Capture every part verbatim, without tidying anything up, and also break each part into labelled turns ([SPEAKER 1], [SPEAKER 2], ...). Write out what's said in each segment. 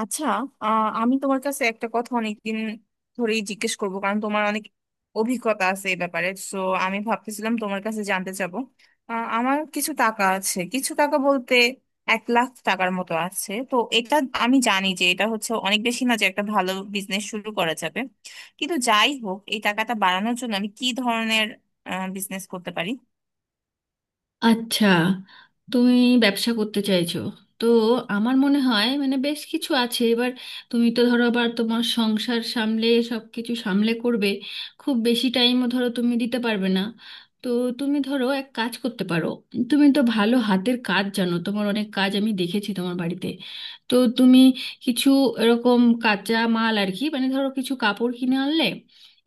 [SPEAKER 1] আচ্ছা। আহ, আমি তোমার কাছে একটা কথা অনেকদিন ধরেই জিজ্ঞেস করব, কারণ তোমার অনেক অভিজ্ঞতা আছে এই ব্যাপারে। সো আমি ভাবতেছিলাম তোমার কাছে জানতে চাবো। আহ, আমার কিছু টাকা আছে, কিছু টাকা বলতে এক লাখ টাকার মতো আছে। তো এটা আমি জানি যে এটা হচ্ছে অনেক বেশি না যে একটা ভালো বিজনেস শুরু করা যাবে, কিন্তু যাই হোক এই টাকাটা বাড়ানোর জন্য আমি কি ধরনের বিজনেস করতে পারি?
[SPEAKER 2] আচ্ছা, তুমি ব্যবসা করতে চাইছো। তো আমার মনে হয় মানে বেশ কিছু আছে এবার। তুমি তো ধরো আবার তোমার সংসার সামলে সব কিছু সামলে করবে, খুব বেশি টাইমও ধরো তুমি দিতে পারবে না। তো তুমি ধরো এক কাজ করতে পারো। তুমি তো ভালো হাতের কাজ জানো, তোমার অনেক কাজ আমি দেখেছি তোমার বাড়িতে। তো তুমি কিছু এরকম কাঁচা মাল আর কি, মানে ধরো কিছু কাপড় কিনে আনলে,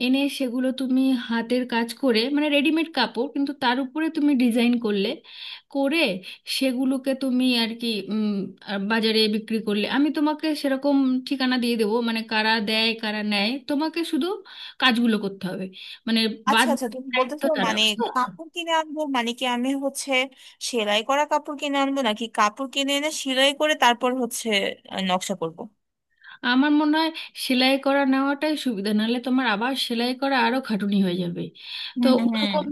[SPEAKER 2] এনে সেগুলো তুমি হাতের কাজ করে, মানে রেডিমেড কাপড় কিন্তু তার উপরে তুমি ডিজাইন করলে, করে সেগুলোকে তুমি আর কি উম, আর বাজারে বিক্রি করলে, আমি তোমাকে সেরকম ঠিকানা দিয়ে দেবো, মানে কারা দেয় কারা নেয়। তোমাকে শুধু কাজগুলো করতে হবে, মানে বাদ
[SPEAKER 1] আচ্ছা আচ্ছা, তুমি
[SPEAKER 2] দায়িত্ব
[SPEAKER 1] বলতেছো
[SPEAKER 2] তারা
[SPEAKER 1] মানে
[SPEAKER 2] বুঝলে।
[SPEAKER 1] কাপড় কিনে আনবো মানে কি, আমি হচ্ছে সেলাই করা কাপড় কিনে আনবো নাকি কাপড় কিনে এনে সেলাই করে তারপর হচ্ছে আহ, নকশা করব?
[SPEAKER 2] আমার মনে হয় সেলাই করা নেওয়াটাই সুবিধা, নাহলে তোমার আবার সেলাই করা আরো খাটুনি হয়ে যাবে।
[SPEAKER 1] হুম
[SPEAKER 2] তো
[SPEAKER 1] হুম।
[SPEAKER 2] ওরকম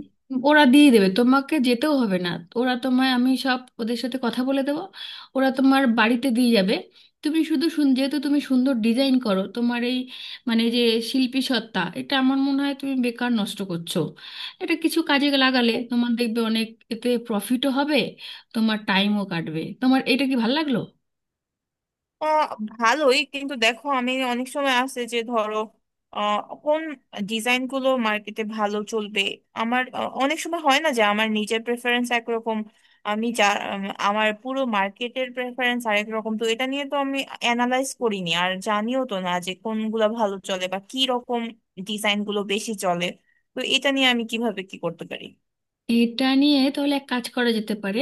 [SPEAKER 2] ওরা দিয়ে দেবে, তোমাকে যেতেও হবে না। ওরা তোমায়, আমি সব ওদের সাথে কথা বলে দেবো, ওরা তোমার বাড়িতে দিয়ে যাবে। তুমি শুধু শুন, যেহেতু তুমি সুন্দর ডিজাইন করো, তোমার এই মানে যে শিল্পী সত্তা, এটা আমার মনে হয় তুমি বেকার নষ্ট করছো। এটা কিছু কাজে লাগালে তোমার দেখবে অনেক, এতে প্রফিটও হবে, তোমার টাইমও কাটবে। তোমার এটা কি ভালো লাগলো?
[SPEAKER 1] আহ ভালোই, কিন্তু দেখো আমি অনেক সময় আছে যে ধরো আহ কোন ডিজাইন গুলো মার্কেটে ভালো চলবে। আমার আহ, অনেক সময় হয় না যে আমার নিজের প্রেফারেন্স একরকম, আমি যা উম, আমার পুরো মার্কেটের প্রেফারেন্স আরেক রকম। তো এটা নিয়ে তো আমি অ্যানালাইজ করিনি, আর জানিও তো না যে কোনগুলো ভালো চলে বা কি রকম ডিজাইন গুলো বেশি চলে। তো এটা নিয়ে আমি কিভাবে কি করতে পারি?
[SPEAKER 2] এটা নিয়ে তাহলে এক কাজ করা যেতে পারে,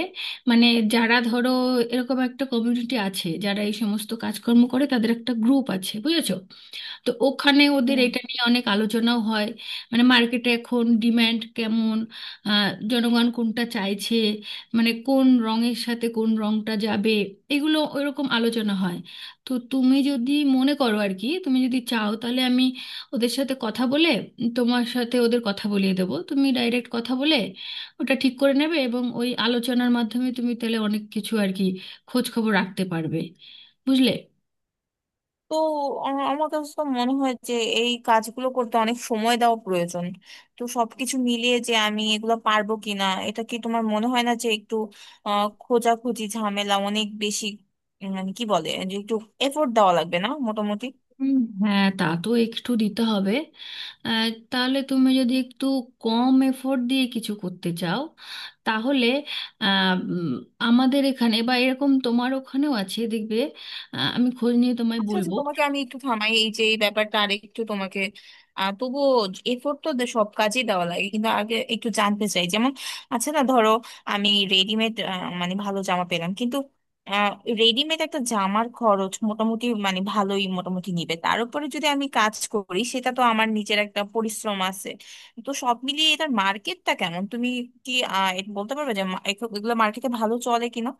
[SPEAKER 2] মানে যারা ধরো এরকম একটা কমিউনিটি আছে যারা এই সমস্ত কাজকর্ম করে, তাদের একটা গ্রুপ আছে, বুঝেছো? তো ওখানে ওদের এটা নিয়ে অনেক আলোচনাও হয়, মানে মার্কেটে এখন ডিম্যান্ড কেমন, আহ, জনগণ কোনটা চাইছে, মানে কোন রঙের সাথে কোন রঙটা যাবে, এগুলো ওইরকম আলোচনা হয়। তো তুমি যদি মনে করো আর কি, তুমি যদি চাও তাহলে আমি ওদের সাথে কথা বলে তোমার সাথে ওদের কথা বলিয়ে দেবো, তুমি ডাইরেক্ট কথা বলে ওটা ঠিক করে নেবে, এবং ওই আলোচনার মাধ্যমে তুমি তাহলে অনেক কিছু আর কি খোঁজ খবর রাখতে পারবে, বুঝলে?
[SPEAKER 1] তো আ- আমার কাছে তো মনে হয় যে এই কাজগুলো করতে অনেক সময় দেওয়া প্রয়োজন। তো সবকিছু মিলিয়ে যে আমি এগুলো পারবো কিনা, এটা কি তোমার মনে হয় না যে একটু আহ খোঁজাখুঁজি ঝামেলা অনেক বেশি? উম, মানে কি বলে যে একটু এফোর্ট দেওয়া লাগবে না মোটামুটি?
[SPEAKER 2] উম, হ্যাঁ, তা তো একটু দিতে হবে। আহ, তাহলে তুমি যদি একটু কম এফোর্ট দিয়ে কিছু করতে চাও, তাহলে আহ, উম, আমাদের এখানে বা এরকম তোমার ওখানেও আছে দেখবে। আহ, আমি খোঁজ নিয়ে তোমায়
[SPEAKER 1] আচ্ছা আচ্ছা,
[SPEAKER 2] বলবো।
[SPEAKER 1] তোমাকে আমি একটু থামাই। এই যে এই ব্যাপারটা আরেকটু তোমাকে, আহ তবুও এফোর্ট তো দে- সব কাজেই দেওয়া লাগে। কিন্তু আগে একটু জানতে চাই, যেমন আচ্ছা না ধরো আমি রেডিমেড মানে ভালো জামা পেলাম, কিন্তু রেডিমেড একটা জামার খরচ মোটামুটি মানে ভালোই মোটামুটি নিবে, তার উপরে যদি আমি কাজ করি সেটা তো আমার নিজের একটা পরিশ্রম আছে। তো সব মিলিয়ে এটার মার্কেটটা কেমন? তুমি কি আহ এটা বলতে পারবে যে মা- এগুলো মার্কেটে ভালো চলে কিনা?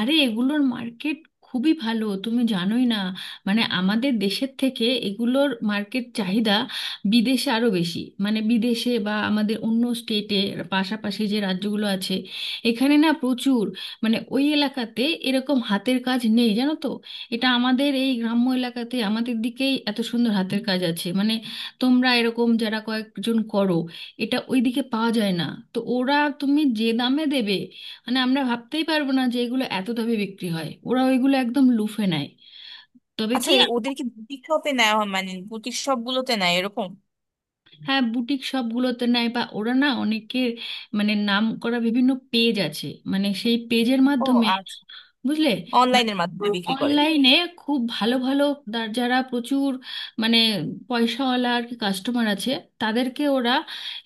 [SPEAKER 2] আরে এগুলোর মার্কেট খুবই ভালো, তুমি জানোই না। মানে আমাদের দেশের থেকে এগুলোর মার্কেট চাহিদা বিদেশে আরো বেশি, মানে বিদেশে বা আমাদের অন্য স্টেটে, পাশাপাশি যে রাজ্যগুলো আছে এখানে না প্রচুর, মানে ওই এলাকাতে এরকম হাতের কাজ নেই, জানো তো। এটা আমাদের এই গ্রাম্য এলাকাতে আমাদের দিকেই এত সুন্দর হাতের কাজ আছে, মানে তোমরা এরকম যারা কয়েকজন করো, এটা ওইদিকে পাওয়া যায় না। তো ওরা তুমি যে দামে দেবে, মানে আমরা ভাবতেই পারবো না যে এগুলো এত দামে বিক্রি হয়, ওরা ওইগুলো একদম লুফে নেয়। তবে
[SPEAKER 1] আচ্ছা,
[SPEAKER 2] কি,
[SPEAKER 1] এই ওদের কি বুটিক শপে নেওয়া হয়, মানে বুটিক শপ গুলোতে নেয় এরকম?
[SPEAKER 2] হ্যাঁ বুটিক শপগুলোতে নেয় বা ওরা না অনেকের, মানে নাম করা বিভিন্ন পেজ আছে, মানে সেই পেজের
[SPEAKER 1] ও
[SPEAKER 2] মাধ্যমে,
[SPEAKER 1] আচ্ছা,
[SPEAKER 2] বুঝলে? মানে
[SPEAKER 1] অনলাইনের মাধ্যমে বিক্রি করে।
[SPEAKER 2] অনলাইনে খুব ভালো ভালো দা- যারা প্রচুর, মানে পয়সাওয়ালা আর কি কাস্টমার আছে, তাদেরকে ওরা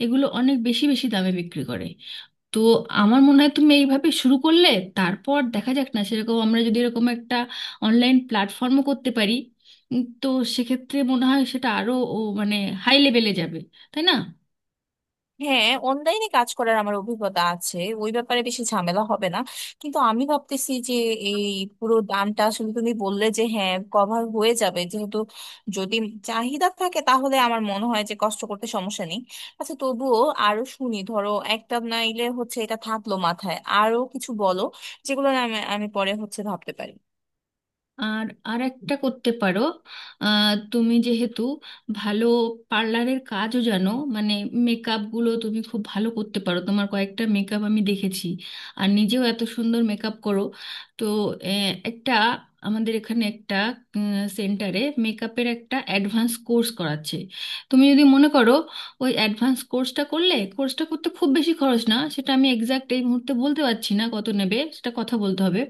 [SPEAKER 2] এগুলো অনেক বেশি বেশি দামে বিক্রি করে। তো আমার মনে হয় তুমি এইভাবে শুরু করলে, তারপর দেখা যাক না, সেরকম আমরা যদি এরকম একটা অনলাইন প্ল্যাটফর্মও করতে পারি, উম, তো সেক্ষেত্রে মনে হয় সেটা আরো ও মানে হাই লেভেলে যাবে, তাই না?
[SPEAKER 1] হ্যাঁ, অনলাইনে কাজ করার আমার অভিজ্ঞতা আছে, ওই ব্যাপারে বেশি ঝামেলা হবে না। কিন্তু আমি ভাবতেছি যে এই পুরো দামটা আসলে তুমি বললে যে হ্যাঁ কভার হয়ে যাবে যেহেতু, যদি চাহিদা থাকে তাহলে আমার মনে হয় যে কষ্ট করতে সমস্যা নেই। আচ্ছা তবুও আরো শুনি, ধরো একটা নাইলে হচ্ছে এটা থাকলো মাথায়, আরো কিছু বলো যেগুলো না আমি আমি পরে হচ্ছে ভাবতে পারি।
[SPEAKER 2] আর আর একটা করতে পারো, আহ, তুমি যেহেতু ভালো পার্লারের কাজও জানো, মানে মেকআপগুলো তুমি খুব ভালো করতে পারো, তোমার কয়েকটা মেকআপ আমি দেখেছি, আর নিজেও এত সুন্দর মেকআপ করো। তো আহ, একটা আমাদের এখানে একটা সেন্টারে মেকআপের একটা অ্যাডভান্স কোর্স করাচ্ছে। তুমি যদি মনে করো ওই অ্যাডভান্স কোর্সটা করলে, কোর্সটা করতে খুব বেশি খরচ না, সেটা আমি এক্সাক্ট এই মুহূর্তে বলতে পারছি না কত নেবে, সেটা কথা বলতে হবে।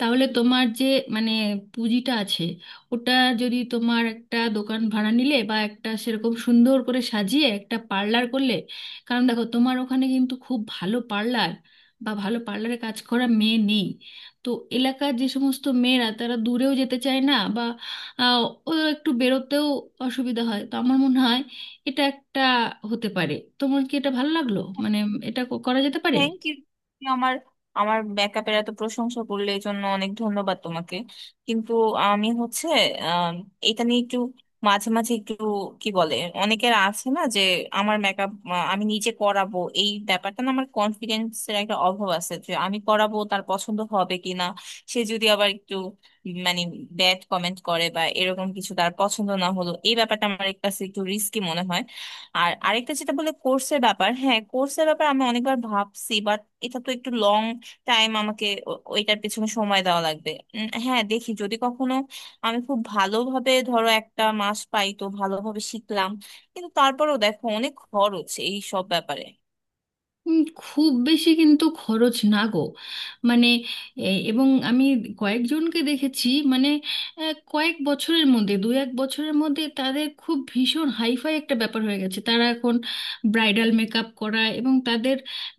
[SPEAKER 2] তাহলে তোমার যে মানে পুঁজিটা আছে ওটা, যদি তোমার একটা দোকান ভাড়া নিলে বা একটা সেরকম সুন্দর করে সাজিয়ে একটা পার্লার করলে, কারণ দেখো তোমার ওখানে কিন্তু খুব ভালো পার্লার বা ভালো পার্লারে কাজ করা মেয়ে নেই। তো এলাকার যে সমস্ত মেয়েরা তারা দূরেও যেতে চায় না, বা আহ, ও একটু বেরোতেও অসুবিধা হয়। তো আমার মনে হয় এটা একটা হতে পারে। তোমার কি এটা ভালো লাগলো, মানে এটা ক- করা যেতে পারে?
[SPEAKER 1] Thank you. আমার আমার ব্যাকআপের এত প্রশংসা করলে, এই জন্য অনেক ধন্যবাদ তোমাকে। কিন্তু আমি হচ্ছে আম, এটা নিয়ে একটু মাঝে মাঝে একটু কি বলে, অনেকের আছে না যে আমার মেকআপ আমি নিজে করাবো, এই ব্যাপারটা না আমার কনফিডেন্সের একটা অভাব আছে যে আমি করাবো তার পছন্দ হবে কিনা। সে যদি আবার একটু মানে ব্যাড কমেন্ট করে বা এরকম কিছু, তার পছন্দ না হলো, এই ব্যাপারটা আমার কাছে একটু রিস্কি মনে হয়। আর আরেকটা যেটা বলে কোর্সের ব্যাপার, হ্যাঁ কোর্সের ব্যাপার আমি অনেকবার ভাবছি, বাট এটা তো একটু লং টাইম, আমাকে ও- ওইটার পেছনে সময় দেওয়া লাগবে। উম, হ্যাঁ, দেখি যদি কখনো আমি খুব ভালোভাবে ধরো একটা মাস পাই তো ভালোভাবে শিখলাম, কিন্তু তারপরেও দেখো অনেক খরচ এই সব ব্যাপারে।
[SPEAKER 2] উম, খুব বেশি কিন্তু খরচ না গো, মানে এ- এবং আমি কয়েকজনকে দেখেছি, মানে আহ, কয়েক বছরের মধ্যে দু এক বছরের মধ্যে তাদের খুব ভীষণ হাইফাই একটা ব্যাপার হয়ে গেছে, তারা এখন ব্রাইডাল মেকআপ করা, এবং তাদের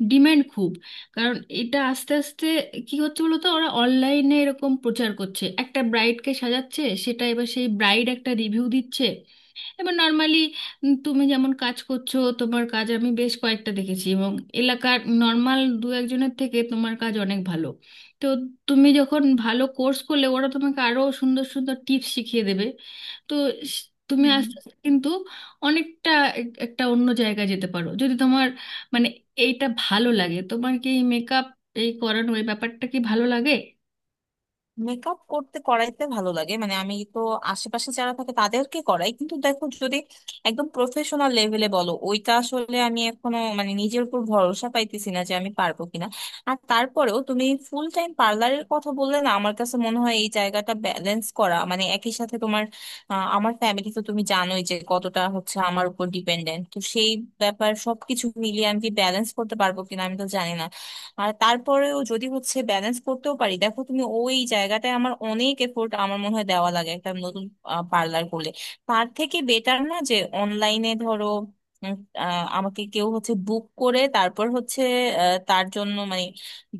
[SPEAKER 2] ডিম্যান্ড খুব, কারণ এটা আস্তে আস্তে কি হচ্ছে বলো তো, ওরা অনলাইনে এরকম প্রচার করছে, একটা ব্রাইডকে সাজাচ্ছে, সেটা এবার সেই ব্রাইড একটা রিভিউ দিচ্ছে। এবার নর্মালি তুমি যেমন কাজ করছো, তোমার কাজ আমি বেশ কয়েকটা দেখেছি, এবং এলাকার নর্মাল দু একজনের থেকে তোমার কাজ অনেক ভালো। তো তুমি যখন ভালো কোর্স করলে, ওরা তোমাকে আরো সুন্দর সুন্দর টিপস শিখিয়ে দেবে। তো স- তুমি
[SPEAKER 1] হুম।
[SPEAKER 2] আস্তে আস্তে কিন্তু অনেকটা এক- একটা অন্য জায়গায় যেতে পারো, যদি তোমার মানে এইটা ভালো লাগে। তোমার কি মেকআপ, এই makeup, এই করানো, এই ব্যাপারটা কি ভালো লাগে?
[SPEAKER 1] মেকআপ করতে করাইতে ভালো লাগে, মানে আমি তো আশেপাশে যারা থাকে তাদেরকে করাই, কিন্তু দেখো যদি একদম প্রফেশনাল লেভেলে বলো ওইটা আসলে আমি এখনো মানে নিজের উপর ভরসা পাইতেছি না যে আমি পারবো কিনা। আর তারপরেও তুমি ফুল টাইম পার্লারের কথা বললে না, আমার কাছে মনে হয় এই জায়গাটা ব্যালেন্স করা, মানে একই সাথে তোমার আহ, আমার ফ্যামিলি তো তুমি জানোই যে কতটা হচ্ছে আমার উপর ডিপেন্ডেন্ট, তো সেই ব্যাপার সবকিছু মিলিয়ে আমি কি ব্যালেন্স করতে পারবো কিনা আমি তো জানি না। আর তারপরেও যদি হচ্ছে ব্যালেন্স করতেও পারি, দেখো তুমি ওই জায়গাটায় আমার অনেক এফোর্ট আমার মনে হয় দেওয়া লাগে একটা নতুন পার্লার করলে। তার থেকে বেটার না যে অনলাইনে ধরো উম, আহ, আমাকে কেউ হচ্ছে বুক করে, তারপর হচ্ছে আহ, তার জন্য মানে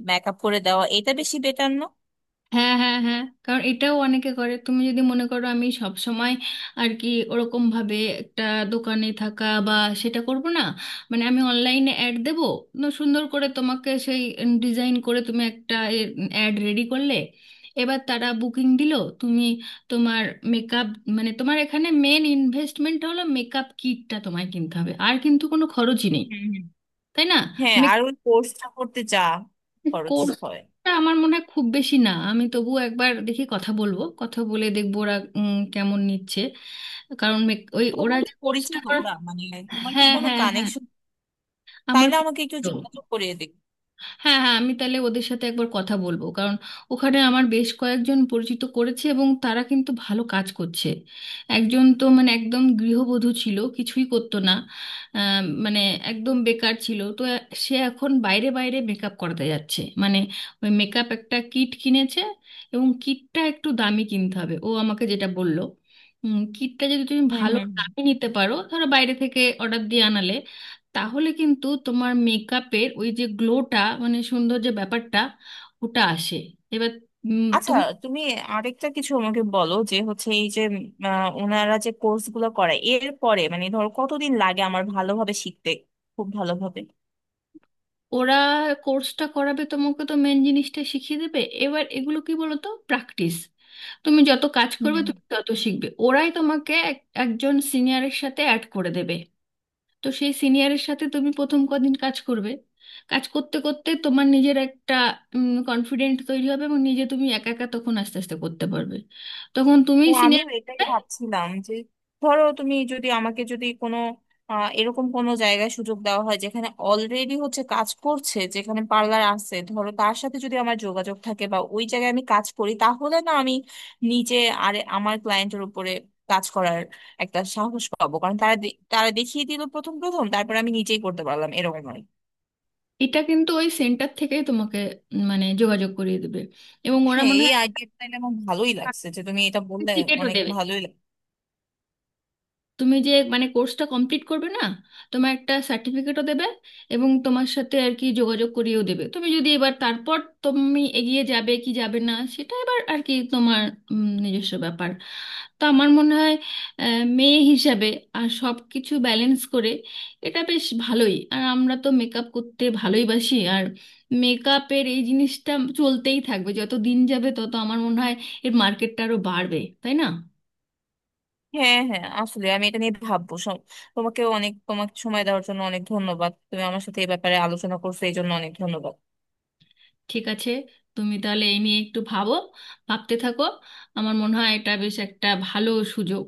[SPEAKER 1] মেকআপ করে দেওয়া, এটা বেশি বেটার না?
[SPEAKER 2] হ্যাঁ, হ্যাঁ, হ্যাঁ, কারণ এটাও অনেকে করে। তুমি যদি মনে করো আমি সব সময় আর কি ওরকম ভাবে একটা দোকানে থাকা বা সেটা করব না, মানে আমি অনলাইনে অ্যাড দেবো, ন সুন্দর করে তোমাকে সেই ডিজাইন করে তুমি একটা অ্যাড রেডি করলে, এবার তারা বুকিং দিল, তুমি তোমার মেকআপ, মানে তোমার এখানে মেন ইনভেস্টমেন্ট হলো মেকআপ কিটটা তোমায় কিনতে হবে, আর কিন্তু কোনো খরচই নেই,
[SPEAKER 1] হুম হুম।
[SPEAKER 2] তাই না?
[SPEAKER 1] হ্যাঁ, আর ওই কোর্সটা করতে যা খরচ হয়?
[SPEAKER 2] কোর্সটা আমার মনে হয় খুব বেশি না, আমি তবু একবার দেখি, কথা বলবো, কথা বলে দেখবো ওরা উম, কেমন নিচ্ছে, কারণ মেক- ওই ওরা
[SPEAKER 1] তোমার কি
[SPEAKER 2] যে কোর্সটা
[SPEAKER 1] পরিচিত
[SPEAKER 2] করে।
[SPEAKER 1] ওরা মানে, তোমার কি
[SPEAKER 2] হ্যাঁ,
[SPEAKER 1] কোনো
[SPEAKER 2] হ্যাঁ, হ্যাঁ,
[SPEAKER 1] কানেকশন?
[SPEAKER 2] আমার
[SPEAKER 1] তাইলে আমাকে একটু
[SPEAKER 2] পছন্দ।
[SPEAKER 1] যোগাযোগ করিয়ে দিবে?
[SPEAKER 2] হ্যাঁ, হ্যাঁ, আমি তাহলে ওদের সাথে একবার কথা বলবো, কারণ ওখানে আমার বেশ কয়েকজন পরিচিত করেছে এবং তারা কিন্তু ভালো কাজ করছে। একজন তো মানে একদম গৃহবধূ ছিল, কিছুই করতো না, আম, মানে একদম বেকার ছিল। তো এ- সে এখন বাইরে বাইরে মেকআপ করাতে যাচ্ছে, মানে ওই মেকআপ একটা কিট কিনেছে, এবং কিটটা একটু দামি কিনতে হবে ও আমাকে যেটা বললো। কিটটা যদি তুমি
[SPEAKER 1] হুম হুম
[SPEAKER 2] ভালো
[SPEAKER 1] হুম।
[SPEAKER 2] দামে নিতে পারো, ধরো বাইরে থেকে অর্ডার দিয়ে আনালে, তাহলে কিন্তু তোমার মেকআপের ওই যে গ্লোটা, মানে সুন্দর যে ব্যাপারটা ওটা আসে। এবার উম,
[SPEAKER 1] আচ্ছা,
[SPEAKER 2] তুমি
[SPEAKER 1] তুমি আরেকটা কিছু আমাকে বলো, যে হচ্ছে এই যে উম, আহ, ওনারা যে কোর্স গুলো করায় এর পরে মানে ধরো কতদিন লাগে আমার ভালোভাবে শিখতে, খুব ভালোভাবে?
[SPEAKER 2] ওরা কোর্সটা করাবে, তোমাকে তো মেন জিনিসটা শিখিয়ে দেবে। এবার এগুলো কি বলো তো, প্র্যাকটিস, তুমি যত কাজ করবে তুমি তত শিখবে। ওরাই তোমাকে এক- একজন সিনিয়রের সাথে অ্যাড করে দেবে। তো সেই সিনিয়রের সাথে তুমি প্রথম কদিন কাজ করবে, কাজ করতে করতে তোমার নিজের একটা কনফিডেন্ট তৈরি হবে, এবং নিজে তুমি একা একা তখন আস্তে আস্তে করতে পারবে, তখন তুমি
[SPEAKER 1] তো আমি
[SPEAKER 2] সিনিয়র।
[SPEAKER 1] এটাই ভাবছিলাম যে ধরো তুমি যদি আমাকে যদি কোনো আহ, এরকম কোনো জায়গায় সুযোগ দেওয়া হয় যেখানে অলরেডি হচ্ছে কাজ করছে, যেখানে পার্লার আছে, ধরো তার সাথে যদি আমার যোগাযোগ থাকে বা ওই জায়গায় আমি কাজ করি তাহলে না আমি নিজে আর আমার ক্লায়েন্টের উপরে কাজ করার একটা সাহস পাবো, কারণ তারা দে- তারা দেখিয়ে দিল প্রথম প্রথম, তারপর আমি নিজেই করতে পারলাম এরকম নয়।
[SPEAKER 2] এটা কিন্তু ওই সেন্টার থেকেই তোমাকে উম, মানে যোগাযোগ করিয়ে দেবে, এবং ওরা
[SPEAKER 1] হ্যাঁ,
[SPEAKER 2] মনে
[SPEAKER 1] এই
[SPEAKER 2] হয়
[SPEAKER 1] আইডিয়াটা আমার ভালোই লাগছে যে তুমি এটা বললে,
[SPEAKER 2] টিকিটও
[SPEAKER 1] অনেক
[SPEAKER 2] দেবে।
[SPEAKER 1] ভালোই লাগছে।
[SPEAKER 2] তুমি যে মানে কোর্সটা কমপ্লিট করবে না, তোমার একটা সার্টিফিকেটও দেবে, এবং তোমার সাথে আর কি যোগাযোগ করিয়েও দেবে। তুমি যদি এবার তারপর তুমি এগিয়ে যাবে কি যাবে না, সেটা এবার আর কি তোমার উম, নিজস্ব ব্যাপার। তো আমার মনে হয় আহ, মেয়ে হিসাবে আর সব কিছু ব্যালেন্স করে এটা বেশ ভালোই, আর আমরা তো মেকআপ করতে ভালোইবাসি, আর মেকআপের এই জিনিসটা চলতেই থাকবে। যত দিন যাবে তত আমার মনে হয় এর মার্কেটটা আরো বাড়বে, তাই না?
[SPEAKER 1] হ্যাঁ হ্যাঁ, আসলে আমি এটা নিয়ে ভাববো সব। তোমাকেও অনেক, তোমাকে সময় দেওয়ার জন্য অনেক ধন্যবাদ। তুমি আমার সাথে এই ব্যাপারে আলোচনা করছো এই জন্য অনেক ধন্যবাদ।
[SPEAKER 2] ঠিক আছে, তুমি তাহলে এই নিয়ে একটু ভাবো, ভাবতে থাকো, আমার মনে হয় এটা বেশ একটা ভালো সুযোগ।